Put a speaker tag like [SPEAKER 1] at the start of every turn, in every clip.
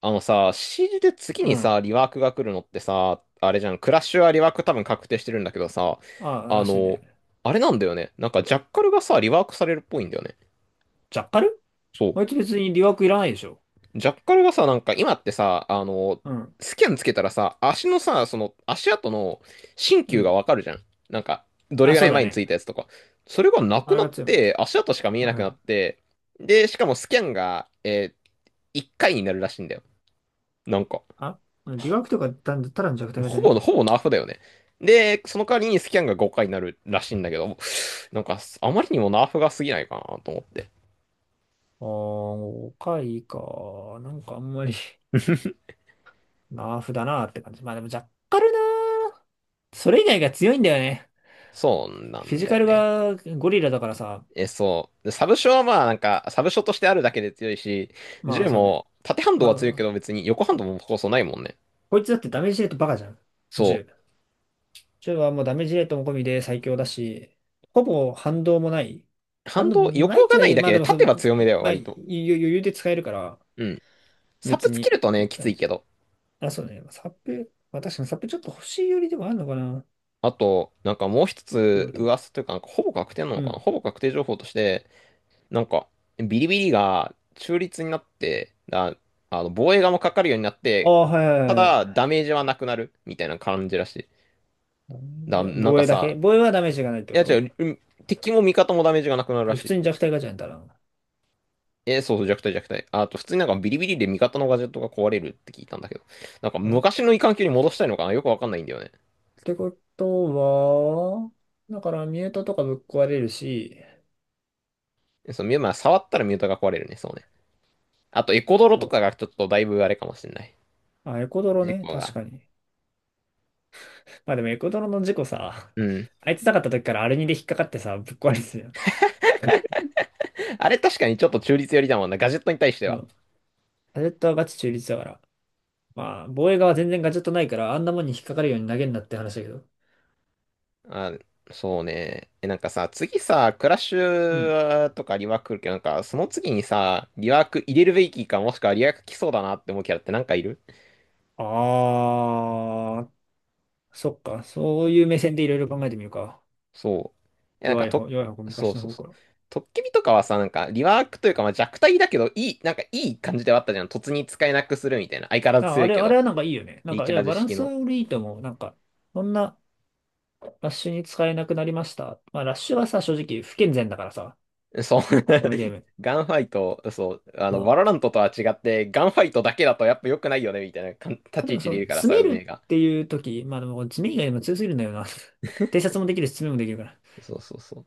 [SPEAKER 1] あのさ、CG で次
[SPEAKER 2] う
[SPEAKER 1] に
[SPEAKER 2] ん。
[SPEAKER 1] さ、リワークが来るのってさ、あれじゃん、クラッシュはリワーク多分確定してるんだけどさ、
[SPEAKER 2] ああ、
[SPEAKER 1] あ
[SPEAKER 2] らしいね。
[SPEAKER 1] の、あれなんだよね。なんかジャッカルがさ、リワークされるっぽいんだよね。
[SPEAKER 2] ジャッカル、
[SPEAKER 1] そ
[SPEAKER 2] あいつ別に留学いらないでしょ。
[SPEAKER 1] う。ジャッカルがさ、なんか今ってさ、
[SPEAKER 2] うん。
[SPEAKER 1] スキャンつけたらさ、足のさ、その足跡の新
[SPEAKER 2] う
[SPEAKER 1] 旧が
[SPEAKER 2] ん。
[SPEAKER 1] わかるじゃん。なんか、どれ
[SPEAKER 2] あ、
[SPEAKER 1] ぐら
[SPEAKER 2] そう
[SPEAKER 1] い
[SPEAKER 2] だ
[SPEAKER 1] 前につ
[SPEAKER 2] ね。
[SPEAKER 1] いたやつとか。それがな
[SPEAKER 2] あ
[SPEAKER 1] く
[SPEAKER 2] れ
[SPEAKER 1] な
[SPEAKER 2] が
[SPEAKER 1] っ
[SPEAKER 2] 強いもんね。
[SPEAKER 1] て、足跡しか見え
[SPEAKER 2] う
[SPEAKER 1] なくなっ
[SPEAKER 2] ん。
[SPEAKER 1] て、で、しかもスキャンが、1回になるらしいんだよ。なんか。
[SPEAKER 2] あ、留学とかただただの弱体化じゃね？
[SPEAKER 1] ほぼナーフだよね。で、その代わりにスキャンが5回になるらしいんだけど、なんか、あまりにもナーフが過ぎないかなと思って。
[SPEAKER 2] ああー、おかいか。なんかあんまり ナーフだなって感じ。まあでもジャッカルなー。それ以外が強いんだよね。
[SPEAKER 1] そうな
[SPEAKER 2] フィ
[SPEAKER 1] ん
[SPEAKER 2] ジ
[SPEAKER 1] だ
[SPEAKER 2] カ
[SPEAKER 1] よ
[SPEAKER 2] ル
[SPEAKER 1] ね。
[SPEAKER 2] がゴリラだからさ。
[SPEAKER 1] え、そう。で、サブショはまあ、なんか、サブショとしてあるだけで強いし、
[SPEAKER 2] まあ
[SPEAKER 1] 銃
[SPEAKER 2] そうね。
[SPEAKER 1] も、縦反動
[SPEAKER 2] ま
[SPEAKER 1] は強いけど
[SPEAKER 2] あ、
[SPEAKER 1] 別に横反動もこそないもんね。
[SPEAKER 2] こいつだってダメージレートバカじゃん。
[SPEAKER 1] そ
[SPEAKER 2] 銃ジョイはもうダメージレートも込みで最強だし、ほぼ反動もない。
[SPEAKER 1] う。
[SPEAKER 2] 反
[SPEAKER 1] 反
[SPEAKER 2] 動
[SPEAKER 1] 動、
[SPEAKER 2] な
[SPEAKER 1] 横
[SPEAKER 2] いんじ
[SPEAKER 1] が
[SPEAKER 2] ゃな
[SPEAKER 1] な
[SPEAKER 2] い
[SPEAKER 1] い
[SPEAKER 2] け
[SPEAKER 1] だ
[SPEAKER 2] ど、ま
[SPEAKER 1] け
[SPEAKER 2] あで
[SPEAKER 1] で
[SPEAKER 2] もそ
[SPEAKER 1] 縦
[SPEAKER 2] の、
[SPEAKER 1] は強めだ
[SPEAKER 2] い
[SPEAKER 1] よ、
[SPEAKER 2] まあ、
[SPEAKER 1] 割
[SPEAKER 2] 余
[SPEAKER 1] と。
[SPEAKER 2] 裕で使えるから、
[SPEAKER 1] うん。サプ
[SPEAKER 2] 別
[SPEAKER 1] つけ
[SPEAKER 2] に。
[SPEAKER 1] るとね、き
[SPEAKER 2] な
[SPEAKER 1] つ
[SPEAKER 2] ん
[SPEAKER 1] い
[SPEAKER 2] じ
[SPEAKER 1] けど。
[SPEAKER 2] あ、そうね。サップ、まあ確かにサップちょっと欲しいよりでもあるのかな。って
[SPEAKER 1] あと、なんかもう一
[SPEAKER 2] 言わ
[SPEAKER 1] つ
[SPEAKER 2] れると。
[SPEAKER 1] 噂というか、なんかほぼ確定な
[SPEAKER 2] う
[SPEAKER 1] のかな、
[SPEAKER 2] ん。
[SPEAKER 1] ほぼ確定情報として、なんか、ビリビリが中立になって、だ、防衛側もかかるようになっ
[SPEAKER 2] あ
[SPEAKER 1] て、
[SPEAKER 2] あ、はいは
[SPEAKER 1] た
[SPEAKER 2] いは
[SPEAKER 1] だ、
[SPEAKER 2] い。
[SPEAKER 1] ダメージはなくなる、みたいな感じらしい。
[SPEAKER 2] ダメ
[SPEAKER 1] だ、
[SPEAKER 2] ージ
[SPEAKER 1] なん
[SPEAKER 2] 防
[SPEAKER 1] か
[SPEAKER 2] 衛だけ、
[SPEAKER 1] さ、
[SPEAKER 2] 防衛はダメージがないって
[SPEAKER 1] い
[SPEAKER 2] こ
[SPEAKER 1] や違
[SPEAKER 2] と？
[SPEAKER 1] う、うん、敵も味方もダメージがなくなるら
[SPEAKER 2] で普
[SPEAKER 1] しい。
[SPEAKER 2] 通に弱体ガチャやたら。
[SPEAKER 1] えー、そうそう、弱体弱体。あと、普通になんかビリビリで味方のガジェットが壊れるって聞いたんだけど、なんか
[SPEAKER 2] あれ、っ
[SPEAKER 1] 昔の異環境に戻したいのかな、よくわかんないんだよね。
[SPEAKER 2] てことは、だからミュートとかぶっ壊れるし、
[SPEAKER 1] まあ、触ったらミュータが壊れるね、そうね。あと、エコドロと
[SPEAKER 2] そ
[SPEAKER 1] かがちょっとだいぶあれかもしれない。
[SPEAKER 2] う。あ、エコドロ
[SPEAKER 1] 事
[SPEAKER 2] ね。
[SPEAKER 1] 故
[SPEAKER 2] 確
[SPEAKER 1] が。
[SPEAKER 2] かに。まあでもエコドロの事故さ、
[SPEAKER 1] うん。
[SPEAKER 2] あいつなかった時からアルニで引っかかってさ、ぶっ壊れてたよ。
[SPEAKER 1] あれ確かにちょっと中立寄りだもんな、ガジェットに対して
[SPEAKER 2] う
[SPEAKER 1] は。
[SPEAKER 2] ん。ガジェットはガチ中立だから。まあ、防衛側は全然ガジェットないから、あんなもんに引っかかるように投げんなって話だけど。
[SPEAKER 1] あ、そうね。え、なんかさ、次さ、クラッシ
[SPEAKER 2] うん。
[SPEAKER 1] ュとかリワーク来るけど、なんか、その次にさ、リワーク入れるべきか、もしくはリワーク来そうだなって思うキャラってなんかいる？
[SPEAKER 2] あー、そっか。そういう目線でいろいろ考えてみるか。
[SPEAKER 1] そう。え、なん
[SPEAKER 2] 弱
[SPEAKER 1] か、
[SPEAKER 2] い
[SPEAKER 1] と、
[SPEAKER 2] 方、弱い方、
[SPEAKER 1] そう
[SPEAKER 2] 昔の
[SPEAKER 1] そう
[SPEAKER 2] 方
[SPEAKER 1] そう。
[SPEAKER 2] か
[SPEAKER 1] トッケビとかはさ、なんか、リワークというか、まあ、弱体だけど、いい、なんか、いい感じではあったじゃん。突に使えなくするみたいな。相変わらず
[SPEAKER 2] ら。あ、
[SPEAKER 1] 強
[SPEAKER 2] あ
[SPEAKER 1] い
[SPEAKER 2] れ、
[SPEAKER 1] け
[SPEAKER 2] あれ
[SPEAKER 1] ど、
[SPEAKER 2] はなんかいいよね。なん
[SPEAKER 1] リー
[SPEAKER 2] か、
[SPEAKER 1] チ
[SPEAKER 2] い
[SPEAKER 1] ャ
[SPEAKER 2] や、
[SPEAKER 1] ージ
[SPEAKER 2] バラン
[SPEAKER 1] 式
[SPEAKER 2] スは
[SPEAKER 1] の。
[SPEAKER 2] 俺いいと思う。なんか、そんなラッシュに使えなくなりました。まあ、ラッシュはさ、正直不健全だからさ、
[SPEAKER 1] そう。
[SPEAKER 2] このゲー ム。
[SPEAKER 1] ガンファイト、そう、バロラントとは違って、ガンファイトだけだとやっぱ良くないよね、みたいなかん立ち
[SPEAKER 2] で
[SPEAKER 1] 位
[SPEAKER 2] も
[SPEAKER 1] 置
[SPEAKER 2] そ
[SPEAKER 1] でい
[SPEAKER 2] う、
[SPEAKER 1] るから
[SPEAKER 2] 詰
[SPEAKER 1] さ、
[SPEAKER 2] め
[SPEAKER 1] 運
[SPEAKER 2] る
[SPEAKER 1] 営が。
[SPEAKER 2] っていう時、まあでも詰め以外でも強すぎるんだよな。偵察もできるし、詰めもできるから。っ
[SPEAKER 1] そうそうそう。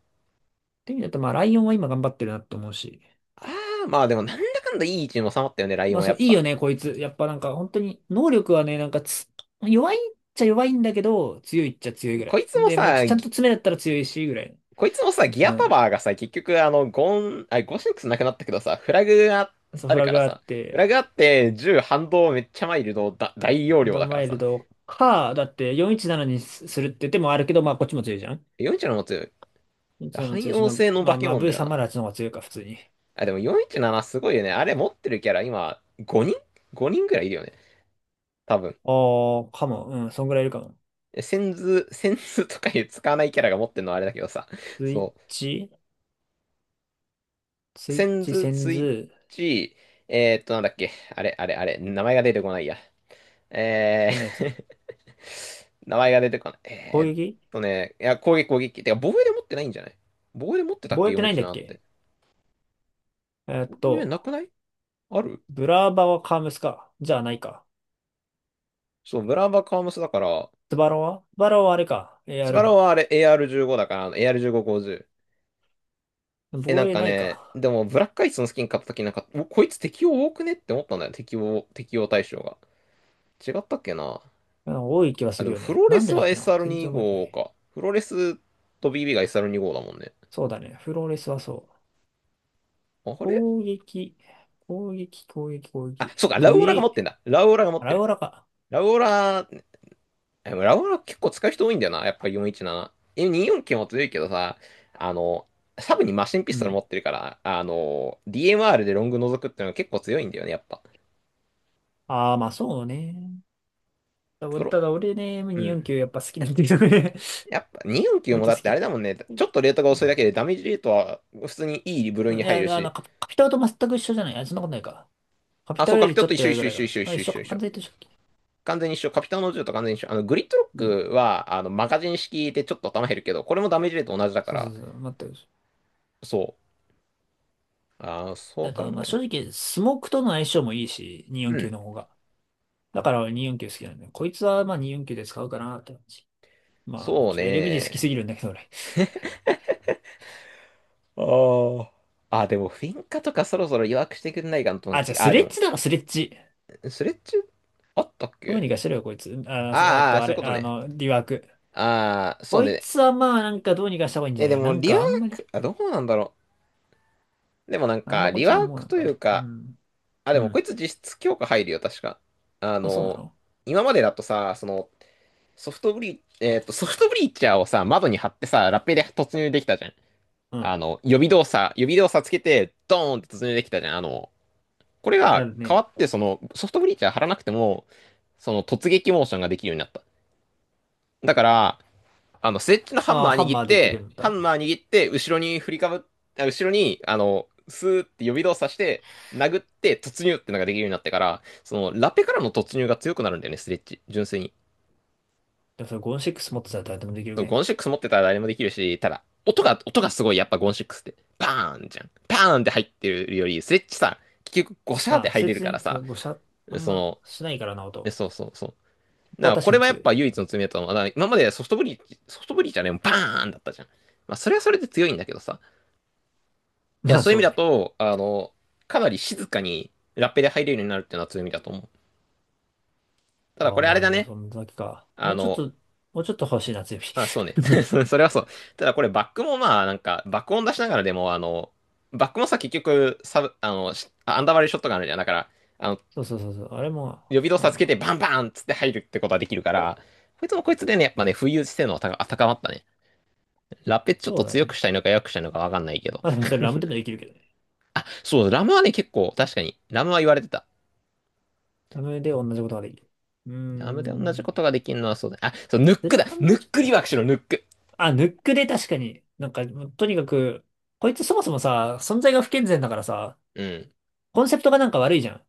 [SPEAKER 2] ていう意味だと、まあライオンは今頑張ってるなと思うし。
[SPEAKER 1] ああ、まあでもなんだかんだいい位置に収まったよね、ライオ
[SPEAKER 2] ま
[SPEAKER 1] ン
[SPEAKER 2] あ
[SPEAKER 1] はや
[SPEAKER 2] そう、
[SPEAKER 1] っ
[SPEAKER 2] いい
[SPEAKER 1] ぱ。
[SPEAKER 2] よね、こいつ。やっぱなんか本当に、能力はね、なんかつ、弱いっちゃ弱いんだけど、強いっちゃ強いぐら
[SPEAKER 1] こい
[SPEAKER 2] い。
[SPEAKER 1] つも
[SPEAKER 2] で、もうち
[SPEAKER 1] さ、
[SPEAKER 2] ちゃん
[SPEAKER 1] ぎ
[SPEAKER 2] と詰めだったら強いし、ぐらい。
[SPEAKER 1] こいつもさ、ギア
[SPEAKER 2] う
[SPEAKER 1] パ
[SPEAKER 2] ん。
[SPEAKER 1] ワーがさ、結局あの、ゴン、あ、ゴシックスなくなったけどさ、フラグが
[SPEAKER 2] そう、
[SPEAKER 1] あ
[SPEAKER 2] フ
[SPEAKER 1] る
[SPEAKER 2] ラ
[SPEAKER 1] か
[SPEAKER 2] グ
[SPEAKER 1] ら
[SPEAKER 2] があっ
[SPEAKER 1] さ、フ
[SPEAKER 2] て、
[SPEAKER 1] ラグあって銃反動めっちゃマイルドだ、大容量
[SPEAKER 2] ド
[SPEAKER 1] だか
[SPEAKER 2] マ
[SPEAKER 1] ら
[SPEAKER 2] イル
[SPEAKER 1] さ、
[SPEAKER 2] ドか、だって417にすするって手もあるけど、まあこっちも強いじゃん。
[SPEAKER 1] 41の持つ、
[SPEAKER 2] 417も
[SPEAKER 1] 汎
[SPEAKER 2] 強いし、
[SPEAKER 1] 用
[SPEAKER 2] まあ、
[SPEAKER 1] 性の
[SPEAKER 2] ま
[SPEAKER 1] 化
[SPEAKER 2] あ、
[SPEAKER 1] け
[SPEAKER 2] まあ
[SPEAKER 1] 物だよな。
[SPEAKER 2] V308 の方が強いか、普通に。
[SPEAKER 1] あ、でも417すごいよね。あれ持ってるキャラ今、5 人ぐらいいるよね。多分。
[SPEAKER 2] ああ、かも。うん、そんぐらいいるかも。
[SPEAKER 1] センズとかいう使わないキャラが持ってるのはあれだけどさ、
[SPEAKER 2] スイッ
[SPEAKER 1] そう。
[SPEAKER 2] チ、スイ
[SPEAKER 1] セ
[SPEAKER 2] ッ
[SPEAKER 1] ン
[SPEAKER 2] チ、
[SPEAKER 1] ズ、
[SPEAKER 2] セン
[SPEAKER 1] ツイッ
[SPEAKER 2] ズ、
[SPEAKER 1] チ、なんだっけ。あれ、あれ、あれ、名前が出てこないや。え
[SPEAKER 2] どんなやつ？
[SPEAKER 1] ー。 名前が出てこない。
[SPEAKER 2] 攻撃、
[SPEAKER 1] 攻撃。てか、防衛で持ってないんじゃない？防衛で持ってたっ
[SPEAKER 2] 防
[SPEAKER 1] け？
[SPEAKER 2] 衛ってないんだっ
[SPEAKER 1] 417 って。
[SPEAKER 2] け？えーっ
[SPEAKER 1] 防衛な
[SPEAKER 2] と、
[SPEAKER 1] くない？ある？
[SPEAKER 2] ブラーバはカームスか。じゃあないか。
[SPEAKER 1] そう、ブラーバカームスだから、
[SPEAKER 2] スバロンはあれか。えー、
[SPEAKER 1] ス
[SPEAKER 2] ある
[SPEAKER 1] バロは
[SPEAKER 2] か。
[SPEAKER 1] あれ AR15 だから、あの AR1550。え、な
[SPEAKER 2] 防
[SPEAKER 1] ん
[SPEAKER 2] 衛
[SPEAKER 1] か
[SPEAKER 2] ない
[SPEAKER 1] ね、
[SPEAKER 2] か。
[SPEAKER 1] でも、ブラックアイスのスキン買った時なんか、おこいつ適応多くねって思ったんだよ。適応対象が。違ったっけな。
[SPEAKER 2] うん、多い気は
[SPEAKER 1] あ、
[SPEAKER 2] す
[SPEAKER 1] で
[SPEAKER 2] る
[SPEAKER 1] も
[SPEAKER 2] よ
[SPEAKER 1] フ
[SPEAKER 2] ね。
[SPEAKER 1] ローレ
[SPEAKER 2] なん
[SPEAKER 1] ス
[SPEAKER 2] でだっ
[SPEAKER 1] は
[SPEAKER 2] けな、全然覚えてな
[SPEAKER 1] SR25
[SPEAKER 2] い。
[SPEAKER 1] か。フローレスと BB が SR25 だもんね。
[SPEAKER 2] そうだね。フローレスはそう。
[SPEAKER 1] あれ？
[SPEAKER 2] 攻撃、攻撃、攻撃、攻
[SPEAKER 1] あ、
[SPEAKER 2] 撃。
[SPEAKER 1] そうか、
[SPEAKER 2] グリ、
[SPEAKER 1] ラウオラが持っ
[SPEAKER 2] ア
[SPEAKER 1] て
[SPEAKER 2] ラ
[SPEAKER 1] る。
[SPEAKER 2] ウラか。
[SPEAKER 1] ラウオラ、でもラウオラ結構使う人多いんだよな。やっぱ417。え、249も強いけどさ、あの、サブにマシンピ
[SPEAKER 2] う
[SPEAKER 1] ストル
[SPEAKER 2] ん。
[SPEAKER 1] 持ってるから、DMR でロング覗くってのが結構強いんだよね、やっぱ。
[SPEAKER 2] ああ、まあそうね。ただ、
[SPEAKER 1] プロ、
[SPEAKER 2] ただ俺ね、
[SPEAKER 1] うん。
[SPEAKER 2] M249 やっぱ好きなんだけどね。
[SPEAKER 1] やっぱ 249
[SPEAKER 2] 割
[SPEAKER 1] も
[SPEAKER 2] と
[SPEAKER 1] だ
[SPEAKER 2] 好
[SPEAKER 1] ってあれ
[SPEAKER 2] き。
[SPEAKER 1] だもんね。ちょっとレートが遅いだけでダメージレートは普通にいい部
[SPEAKER 2] い
[SPEAKER 1] 類に入る
[SPEAKER 2] や、あの、
[SPEAKER 1] し。
[SPEAKER 2] カピタルと全く一緒じゃない？あ、そんなことないか。カピ
[SPEAKER 1] あ、
[SPEAKER 2] タ
[SPEAKER 1] そう
[SPEAKER 2] ルよ
[SPEAKER 1] か、
[SPEAKER 2] り
[SPEAKER 1] ピょ
[SPEAKER 2] ち
[SPEAKER 1] っ
[SPEAKER 2] ょ
[SPEAKER 1] と
[SPEAKER 2] っ
[SPEAKER 1] 一
[SPEAKER 2] と
[SPEAKER 1] 緒
[SPEAKER 2] 弱
[SPEAKER 1] 一
[SPEAKER 2] いぐ
[SPEAKER 1] 緒
[SPEAKER 2] ら
[SPEAKER 1] 一
[SPEAKER 2] いか
[SPEAKER 1] 緒一
[SPEAKER 2] な。
[SPEAKER 1] 緒一
[SPEAKER 2] あ、一
[SPEAKER 1] 緒一
[SPEAKER 2] 緒
[SPEAKER 1] 緒
[SPEAKER 2] か。
[SPEAKER 1] 一
[SPEAKER 2] 完
[SPEAKER 1] 緒。
[SPEAKER 2] 全に一緒だっけ？
[SPEAKER 1] 完全に一緒。カピタンの銃と完全に一緒。グリッドロ
[SPEAKER 2] うん。
[SPEAKER 1] ックは、マガジン式でちょっと頭減るけど、これもダメージレート同じだか
[SPEAKER 2] そうそう
[SPEAKER 1] ら、
[SPEAKER 2] そう。全く一緒。
[SPEAKER 1] そう。ああそう
[SPEAKER 2] あ
[SPEAKER 1] 考
[SPEAKER 2] と、ま
[SPEAKER 1] え
[SPEAKER 2] あ、
[SPEAKER 1] る
[SPEAKER 2] 正
[SPEAKER 1] と。
[SPEAKER 2] 直、スモークとの相性もいいし、
[SPEAKER 1] う
[SPEAKER 2] 249
[SPEAKER 1] ん。
[SPEAKER 2] の方が。だから俺249好きなんだよ。こいつはまあ249で使うかなって感じ。まあ、あの
[SPEAKER 1] そう
[SPEAKER 2] ちょっと LMG 好き
[SPEAKER 1] ね。
[SPEAKER 2] すぎるんだけど俺。
[SPEAKER 1] ああ。あ、でも、フィンカとかそろそろ弱くしてくんないかなと思っ
[SPEAKER 2] あ、じゃあ
[SPEAKER 1] て。あ
[SPEAKER 2] ス
[SPEAKER 1] ー、
[SPEAKER 2] レ
[SPEAKER 1] で
[SPEAKER 2] ッ
[SPEAKER 1] も、
[SPEAKER 2] ジだろ、スレッジ。
[SPEAKER 1] スレッチあったっ
[SPEAKER 2] どう
[SPEAKER 1] け？
[SPEAKER 2] にかしろよ、こいつ。あ、あ
[SPEAKER 1] あーあー、
[SPEAKER 2] と、あ
[SPEAKER 1] そういう
[SPEAKER 2] れ、
[SPEAKER 1] こと
[SPEAKER 2] あ
[SPEAKER 1] ね。
[SPEAKER 2] の、リワーク。
[SPEAKER 1] ああ、そう
[SPEAKER 2] こい
[SPEAKER 1] ね。
[SPEAKER 2] つはまあ、なんかどうにかした方がいいんじゃ
[SPEAKER 1] え、
[SPEAKER 2] な
[SPEAKER 1] で
[SPEAKER 2] い？な
[SPEAKER 1] も、
[SPEAKER 2] ん
[SPEAKER 1] リワ
[SPEAKER 2] か
[SPEAKER 1] ー
[SPEAKER 2] あんまり、
[SPEAKER 1] ク、あ、どうなんだろう。でもなん
[SPEAKER 2] あん
[SPEAKER 1] か、
[SPEAKER 2] まこい
[SPEAKER 1] リ
[SPEAKER 2] つ
[SPEAKER 1] ワ
[SPEAKER 2] は
[SPEAKER 1] ー
[SPEAKER 2] もう
[SPEAKER 1] ク
[SPEAKER 2] なん
[SPEAKER 1] という
[SPEAKER 2] か、う
[SPEAKER 1] か、
[SPEAKER 2] ん。
[SPEAKER 1] あ、
[SPEAKER 2] う
[SPEAKER 1] でもこ
[SPEAKER 2] ん。
[SPEAKER 1] いつ実質強化入るよ、確か。あ
[SPEAKER 2] まあ、そうな
[SPEAKER 1] の、
[SPEAKER 2] の？
[SPEAKER 1] 今までだとさ、その、ソフトブリーチャーをさ、窓に貼ってさ、ラッペで突入できたじゃん。
[SPEAKER 2] うん。
[SPEAKER 1] あの、予備動作つけて、ドーンって突入できたじゃん。あの、これ
[SPEAKER 2] あ
[SPEAKER 1] が
[SPEAKER 2] る
[SPEAKER 1] 変わ
[SPEAKER 2] ね。
[SPEAKER 1] って、その、ソフトブリーチャー貼らなくても、その突撃モーションができるようになった。だから、あの、スレッジのハン
[SPEAKER 2] ああ、
[SPEAKER 1] マー
[SPEAKER 2] ハン
[SPEAKER 1] 握っ
[SPEAKER 2] マーできる
[SPEAKER 1] て、
[SPEAKER 2] ん
[SPEAKER 1] ハ
[SPEAKER 2] だ。
[SPEAKER 1] ンマー握って、後ろに振りかぶっ、あ後ろに、あの、スーって予備動作して、殴って突入ってのができるようになってから、その、ラペからの突入が強くなるんだよね、スレッジ。純粋に。
[SPEAKER 2] でもそれごーシックス持ってたら誰でもできる
[SPEAKER 1] そう
[SPEAKER 2] ね。
[SPEAKER 1] ゴンシックス持ってたら誰もできるし、ただ、音がすごい、やっぱゴンシックスって、バーンじゃん。バーンって入ってるより、スレッチさ、結局、ゴシャーって
[SPEAKER 2] まあ、
[SPEAKER 1] 入
[SPEAKER 2] そい
[SPEAKER 1] れる
[SPEAKER 2] つ
[SPEAKER 1] から
[SPEAKER 2] ね、その
[SPEAKER 1] さ、
[SPEAKER 2] 5射、あん
[SPEAKER 1] そ
[SPEAKER 2] ま
[SPEAKER 1] の、
[SPEAKER 2] しないからな、音。こ
[SPEAKER 1] そうそうそう。
[SPEAKER 2] こ
[SPEAKER 1] だ
[SPEAKER 2] は
[SPEAKER 1] から、
[SPEAKER 2] 確
[SPEAKER 1] こ
[SPEAKER 2] か
[SPEAKER 1] れ
[SPEAKER 2] に
[SPEAKER 1] はやっ
[SPEAKER 2] 強
[SPEAKER 1] ぱ
[SPEAKER 2] い。
[SPEAKER 1] 唯一の罪だと思う。だから今までソフトブリーソフトブリーじゃね、バーンだったじゃん。まあ、それはそれで強いんだけどさ。いや、
[SPEAKER 2] まあ、
[SPEAKER 1] そういう意
[SPEAKER 2] そ
[SPEAKER 1] 味
[SPEAKER 2] う
[SPEAKER 1] だ
[SPEAKER 2] ね。
[SPEAKER 1] と、あの、かなり静かにラッペで入れるようになるっていうのは強みだと思う。ただ、
[SPEAKER 2] あ
[SPEAKER 1] こ
[SPEAKER 2] あ、
[SPEAKER 1] れあ
[SPEAKER 2] ま
[SPEAKER 1] れ
[SPEAKER 2] あ、
[SPEAKER 1] だ
[SPEAKER 2] でも
[SPEAKER 1] ね。
[SPEAKER 2] そんだけか。も
[SPEAKER 1] あ
[SPEAKER 2] うちょっ
[SPEAKER 1] の、
[SPEAKER 2] と、もうちょっと欲しいな、強火。
[SPEAKER 1] あ、そうね。それはそう。ただこれバックもまあなんか爆音出しながらでもバックもさ結局サブ、あの、しあアンダーバリューショットがあるじゃん。だから、あの、
[SPEAKER 2] そうそうそうそう。あれも、
[SPEAKER 1] 予備動
[SPEAKER 2] まあ
[SPEAKER 1] 作つ
[SPEAKER 2] ま
[SPEAKER 1] けて
[SPEAKER 2] あ、
[SPEAKER 1] バンバンっつって入るってことはできるから、こいつもこいつでね、やっぱね、浮遊性能は高まったね。ラペちょっ
[SPEAKER 2] そ
[SPEAKER 1] と
[SPEAKER 2] うだよ
[SPEAKER 1] 強く
[SPEAKER 2] ね。
[SPEAKER 1] したいのか弱くしたいのかわかんないけど。
[SPEAKER 2] まあ、でもそれラムでもできるけどね。
[SPEAKER 1] そう、ラムはね結構確かに、ラムは言われてた。
[SPEAKER 2] ラムで同じことができる。うー
[SPEAKER 1] ラムで同じこ
[SPEAKER 2] ん。
[SPEAKER 1] とができるのはそうだね。あ、そう、ヌッ
[SPEAKER 2] ズ
[SPEAKER 1] ク
[SPEAKER 2] レ
[SPEAKER 1] だ。
[SPEAKER 2] ハン
[SPEAKER 1] ヌ
[SPEAKER 2] も
[SPEAKER 1] ッ
[SPEAKER 2] ちょっ
[SPEAKER 1] クリ
[SPEAKER 2] と。
[SPEAKER 1] ワークしろ、ヌック。
[SPEAKER 2] あ、ヌックで確かに。なんか、もうとにかく、こいつそもそもさ、存在が不健全だからさ、
[SPEAKER 1] うん。
[SPEAKER 2] コンセプトがなんか悪いじゃん。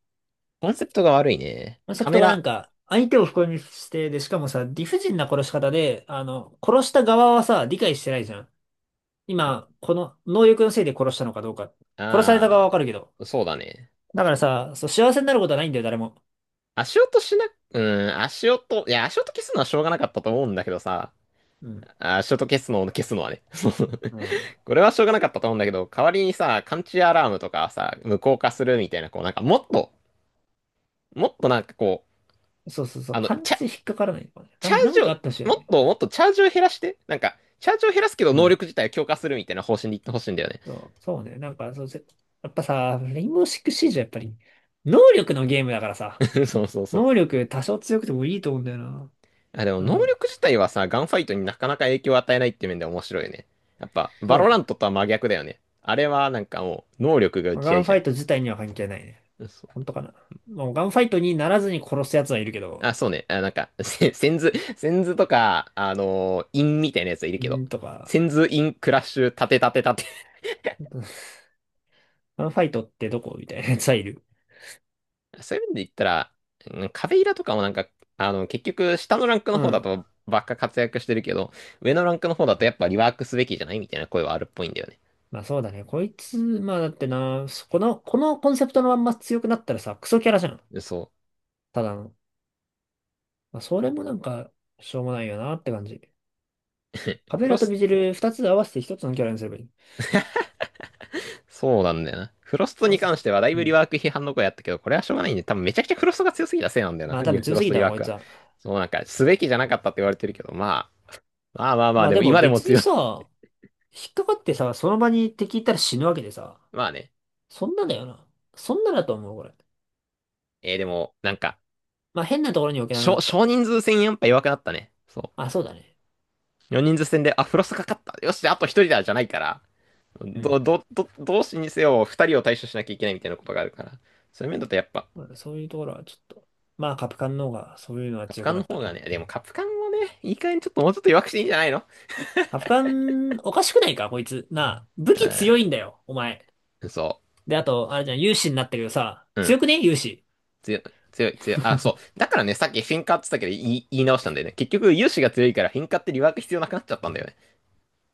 [SPEAKER 1] コンセプトが悪いね。
[SPEAKER 2] コンセ
[SPEAKER 1] カ
[SPEAKER 2] プ
[SPEAKER 1] メ
[SPEAKER 2] トがな
[SPEAKER 1] ラ、
[SPEAKER 2] んか、相手を不幸にして、で、しかもさ、理不尽な殺し方で、あの、殺した側はさ、理解してないじゃん。今、この能力のせいで殺したのかどうか。殺された側は
[SPEAKER 1] あ
[SPEAKER 2] わかるけど。
[SPEAKER 1] あ、そうだね。
[SPEAKER 2] だからさ、そう、幸せになることはないんだよ、誰も。
[SPEAKER 1] 足音しな、うん、いや、足音消すのはしょうがなかったと思うんだけどさ、
[SPEAKER 2] うん。
[SPEAKER 1] あ、足音消すのを消すのはね。そう、
[SPEAKER 2] うん。
[SPEAKER 1] これはしょうがなかったと思うんだけど、代わりにさ、感知アラームとかさ、無効化するみたいな、こう、なんかもっと、もっとなんかこう、
[SPEAKER 2] そうそうそう。
[SPEAKER 1] あの、
[SPEAKER 2] 勘
[SPEAKER 1] チャ、
[SPEAKER 2] 違い引っかからないのかね。な
[SPEAKER 1] チャ
[SPEAKER 2] ん、
[SPEAKER 1] ー
[SPEAKER 2] な
[SPEAKER 1] ジ
[SPEAKER 2] んかあ
[SPEAKER 1] を、
[SPEAKER 2] ったしいよ
[SPEAKER 1] もっ
[SPEAKER 2] ね。
[SPEAKER 1] ともっとチャージを減らして、なんか、チャージを減らすけど
[SPEAKER 2] う
[SPEAKER 1] 能力
[SPEAKER 2] ん。
[SPEAKER 1] 自体を強化するみたいな方針で言ってほしいんだよね。
[SPEAKER 2] そう、そうね。やっぱさ、レインボーシックスシージはやっぱり、能力のゲームだからさ、
[SPEAKER 1] そうそうそ
[SPEAKER 2] 能
[SPEAKER 1] う。
[SPEAKER 2] 力多少強くてもいいと思うんだよな。
[SPEAKER 1] あ、でも
[SPEAKER 2] そう
[SPEAKER 1] 能
[SPEAKER 2] そう。
[SPEAKER 1] 力自体はさ、ガンファイトになかなか影響を与えないって面で面白いよね。やっぱ、バ
[SPEAKER 2] そう
[SPEAKER 1] ロ
[SPEAKER 2] だ
[SPEAKER 1] ラン
[SPEAKER 2] ね。
[SPEAKER 1] トとは真逆だよね。あれはなんかもう、能力が打
[SPEAKER 2] まあ
[SPEAKER 1] ち
[SPEAKER 2] ガ
[SPEAKER 1] 合い
[SPEAKER 2] ン
[SPEAKER 1] じ
[SPEAKER 2] フ
[SPEAKER 1] ゃ
[SPEAKER 2] ァ
[SPEAKER 1] ん。
[SPEAKER 2] イト自体には関係ないね。
[SPEAKER 1] そう。
[SPEAKER 2] 本当かな。もうガンファイトにならずに殺す奴はいるけど、
[SPEAKER 1] あ、そうね。あ、なんか、せセンズ、センズとか、インみたいなやつはいるけど、
[SPEAKER 2] んーと
[SPEAKER 1] セン
[SPEAKER 2] か、
[SPEAKER 1] ズインクラッシュ、立て立て立て。
[SPEAKER 2] ガンファイトってどこ、みたいな奴はいる。
[SPEAKER 1] そういう面で言ったら、うん、壁イラとかもなんか、あの、結局、下のランクの
[SPEAKER 2] う
[SPEAKER 1] 方だ
[SPEAKER 2] ん。
[SPEAKER 1] とばっか活躍してるけど、上のランクの方だとやっぱリワークすべきじゃないみたいな声はあるっぽいんだよね。
[SPEAKER 2] まあそうだね。こいつ、まあだってな、そこの、このコンセプトのまんま強くなったらさ、クソキャラじゃん。
[SPEAKER 1] そ
[SPEAKER 2] ただの。まあそれもなんか、しょうもないよなって感じ。
[SPEAKER 1] う。
[SPEAKER 2] カ
[SPEAKER 1] フ
[SPEAKER 2] ベ
[SPEAKER 1] ロ
[SPEAKER 2] ラと
[SPEAKER 1] ス
[SPEAKER 2] ビジル二つ合わせて一つのキャラにすればいい。
[SPEAKER 1] そうなんだよな。フロスト
[SPEAKER 2] 合わ
[SPEAKER 1] に
[SPEAKER 2] せ
[SPEAKER 1] 関し
[SPEAKER 2] て。
[SPEAKER 1] てはだい
[SPEAKER 2] う
[SPEAKER 1] ぶリ
[SPEAKER 2] ん。
[SPEAKER 1] ワーク批判の声あったけど、これはしょうがないんで、多分めちゃくちゃフロストが強すぎたせいなんだよ
[SPEAKER 2] まあ
[SPEAKER 1] な、
[SPEAKER 2] 多
[SPEAKER 1] リ
[SPEAKER 2] 分
[SPEAKER 1] フ
[SPEAKER 2] 強
[SPEAKER 1] ロ
[SPEAKER 2] す
[SPEAKER 1] ス
[SPEAKER 2] ぎ
[SPEAKER 1] トリ
[SPEAKER 2] たわ、
[SPEAKER 1] ワー
[SPEAKER 2] こい
[SPEAKER 1] ク
[SPEAKER 2] つ
[SPEAKER 1] は。
[SPEAKER 2] は。
[SPEAKER 1] そうなんか、すべきじゃなかったって言われてるけど、まあ、まあまあまあ、
[SPEAKER 2] まあ
[SPEAKER 1] で
[SPEAKER 2] で
[SPEAKER 1] も
[SPEAKER 2] も
[SPEAKER 1] 今でも
[SPEAKER 2] 別に
[SPEAKER 1] 強い。
[SPEAKER 2] さ、引っかかってさ、その場に敵いたら死ぬわけでさ。
[SPEAKER 1] まあね。
[SPEAKER 2] そんなだよな。そんなだと思う、これ。
[SPEAKER 1] えー、でも、なんか、
[SPEAKER 2] まあ変なところに置けなくな
[SPEAKER 1] 少
[SPEAKER 2] った。
[SPEAKER 1] 少人数戦やっぱ弱くなったね。そ
[SPEAKER 2] あ、そうだね。
[SPEAKER 1] う。4人数戦で、あ、フロストかかった。よし、あと1人だ、じゃないから。
[SPEAKER 2] う
[SPEAKER 1] ど、
[SPEAKER 2] ん。
[SPEAKER 1] ど、ど、同士にせよ、2人を対処しなきゃいけないみたいなことがあるから。そういう面だとやっぱ、
[SPEAKER 2] まあそういうところはちょっと。まあカプカンの方がそういうのは
[SPEAKER 1] カプ
[SPEAKER 2] 強
[SPEAKER 1] カ
[SPEAKER 2] く
[SPEAKER 1] ン
[SPEAKER 2] な
[SPEAKER 1] の
[SPEAKER 2] った
[SPEAKER 1] 方が
[SPEAKER 2] ね。
[SPEAKER 1] ね、でもカプカンもね、いい加減ちょっともうちょっと弱くしていいんじゃないの？
[SPEAKER 2] カプカン、おかしくないか、こいつ。なあ、武器強いんだよ、お前。
[SPEAKER 1] うん、そ
[SPEAKER 2] で、あと、あれじゃん、勇士になったけどさ、
[SPEAKER 1] う。う
[SPEAKER 2] 強く
[SPEAKER 1] ん。
[SPEAKER 2] ね勇士。
[SPEAKER 1] 強い、強い、強い。あ、そう。だからね、さっきフィンカーって言ったけど、言い直したんだよね。結局、融資が強いから、フィンカーってリワーク必要なくなっちゃったんだよね。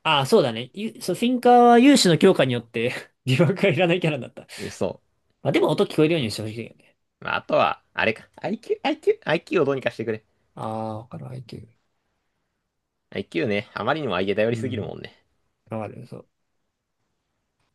[SPEAKER 2] ああ、そうだね。ゆそう、フィンカーは勇士の強化によって 疑惑がいらないキャラになった。
[SPEAKER 1] そ
[SPEAKER 2] まあでも音聞こえるようにしてほしいよね。
[SPEAKER 1] う。まあ、あとは、あれか。IQ、IQ、IQ をどうにかしてくれ。
[SPEAKER 2] ああ、わかる、IQ。
[SPEAKER 1] IQ ね、あまりにも相手頼り
[SPEAKER 2] う
[SPEAKER 1] すぎるも
[SPEAKER 2] ん。
[SPEAKER 1] んね。
[SPEAKER 2] わかる、そう。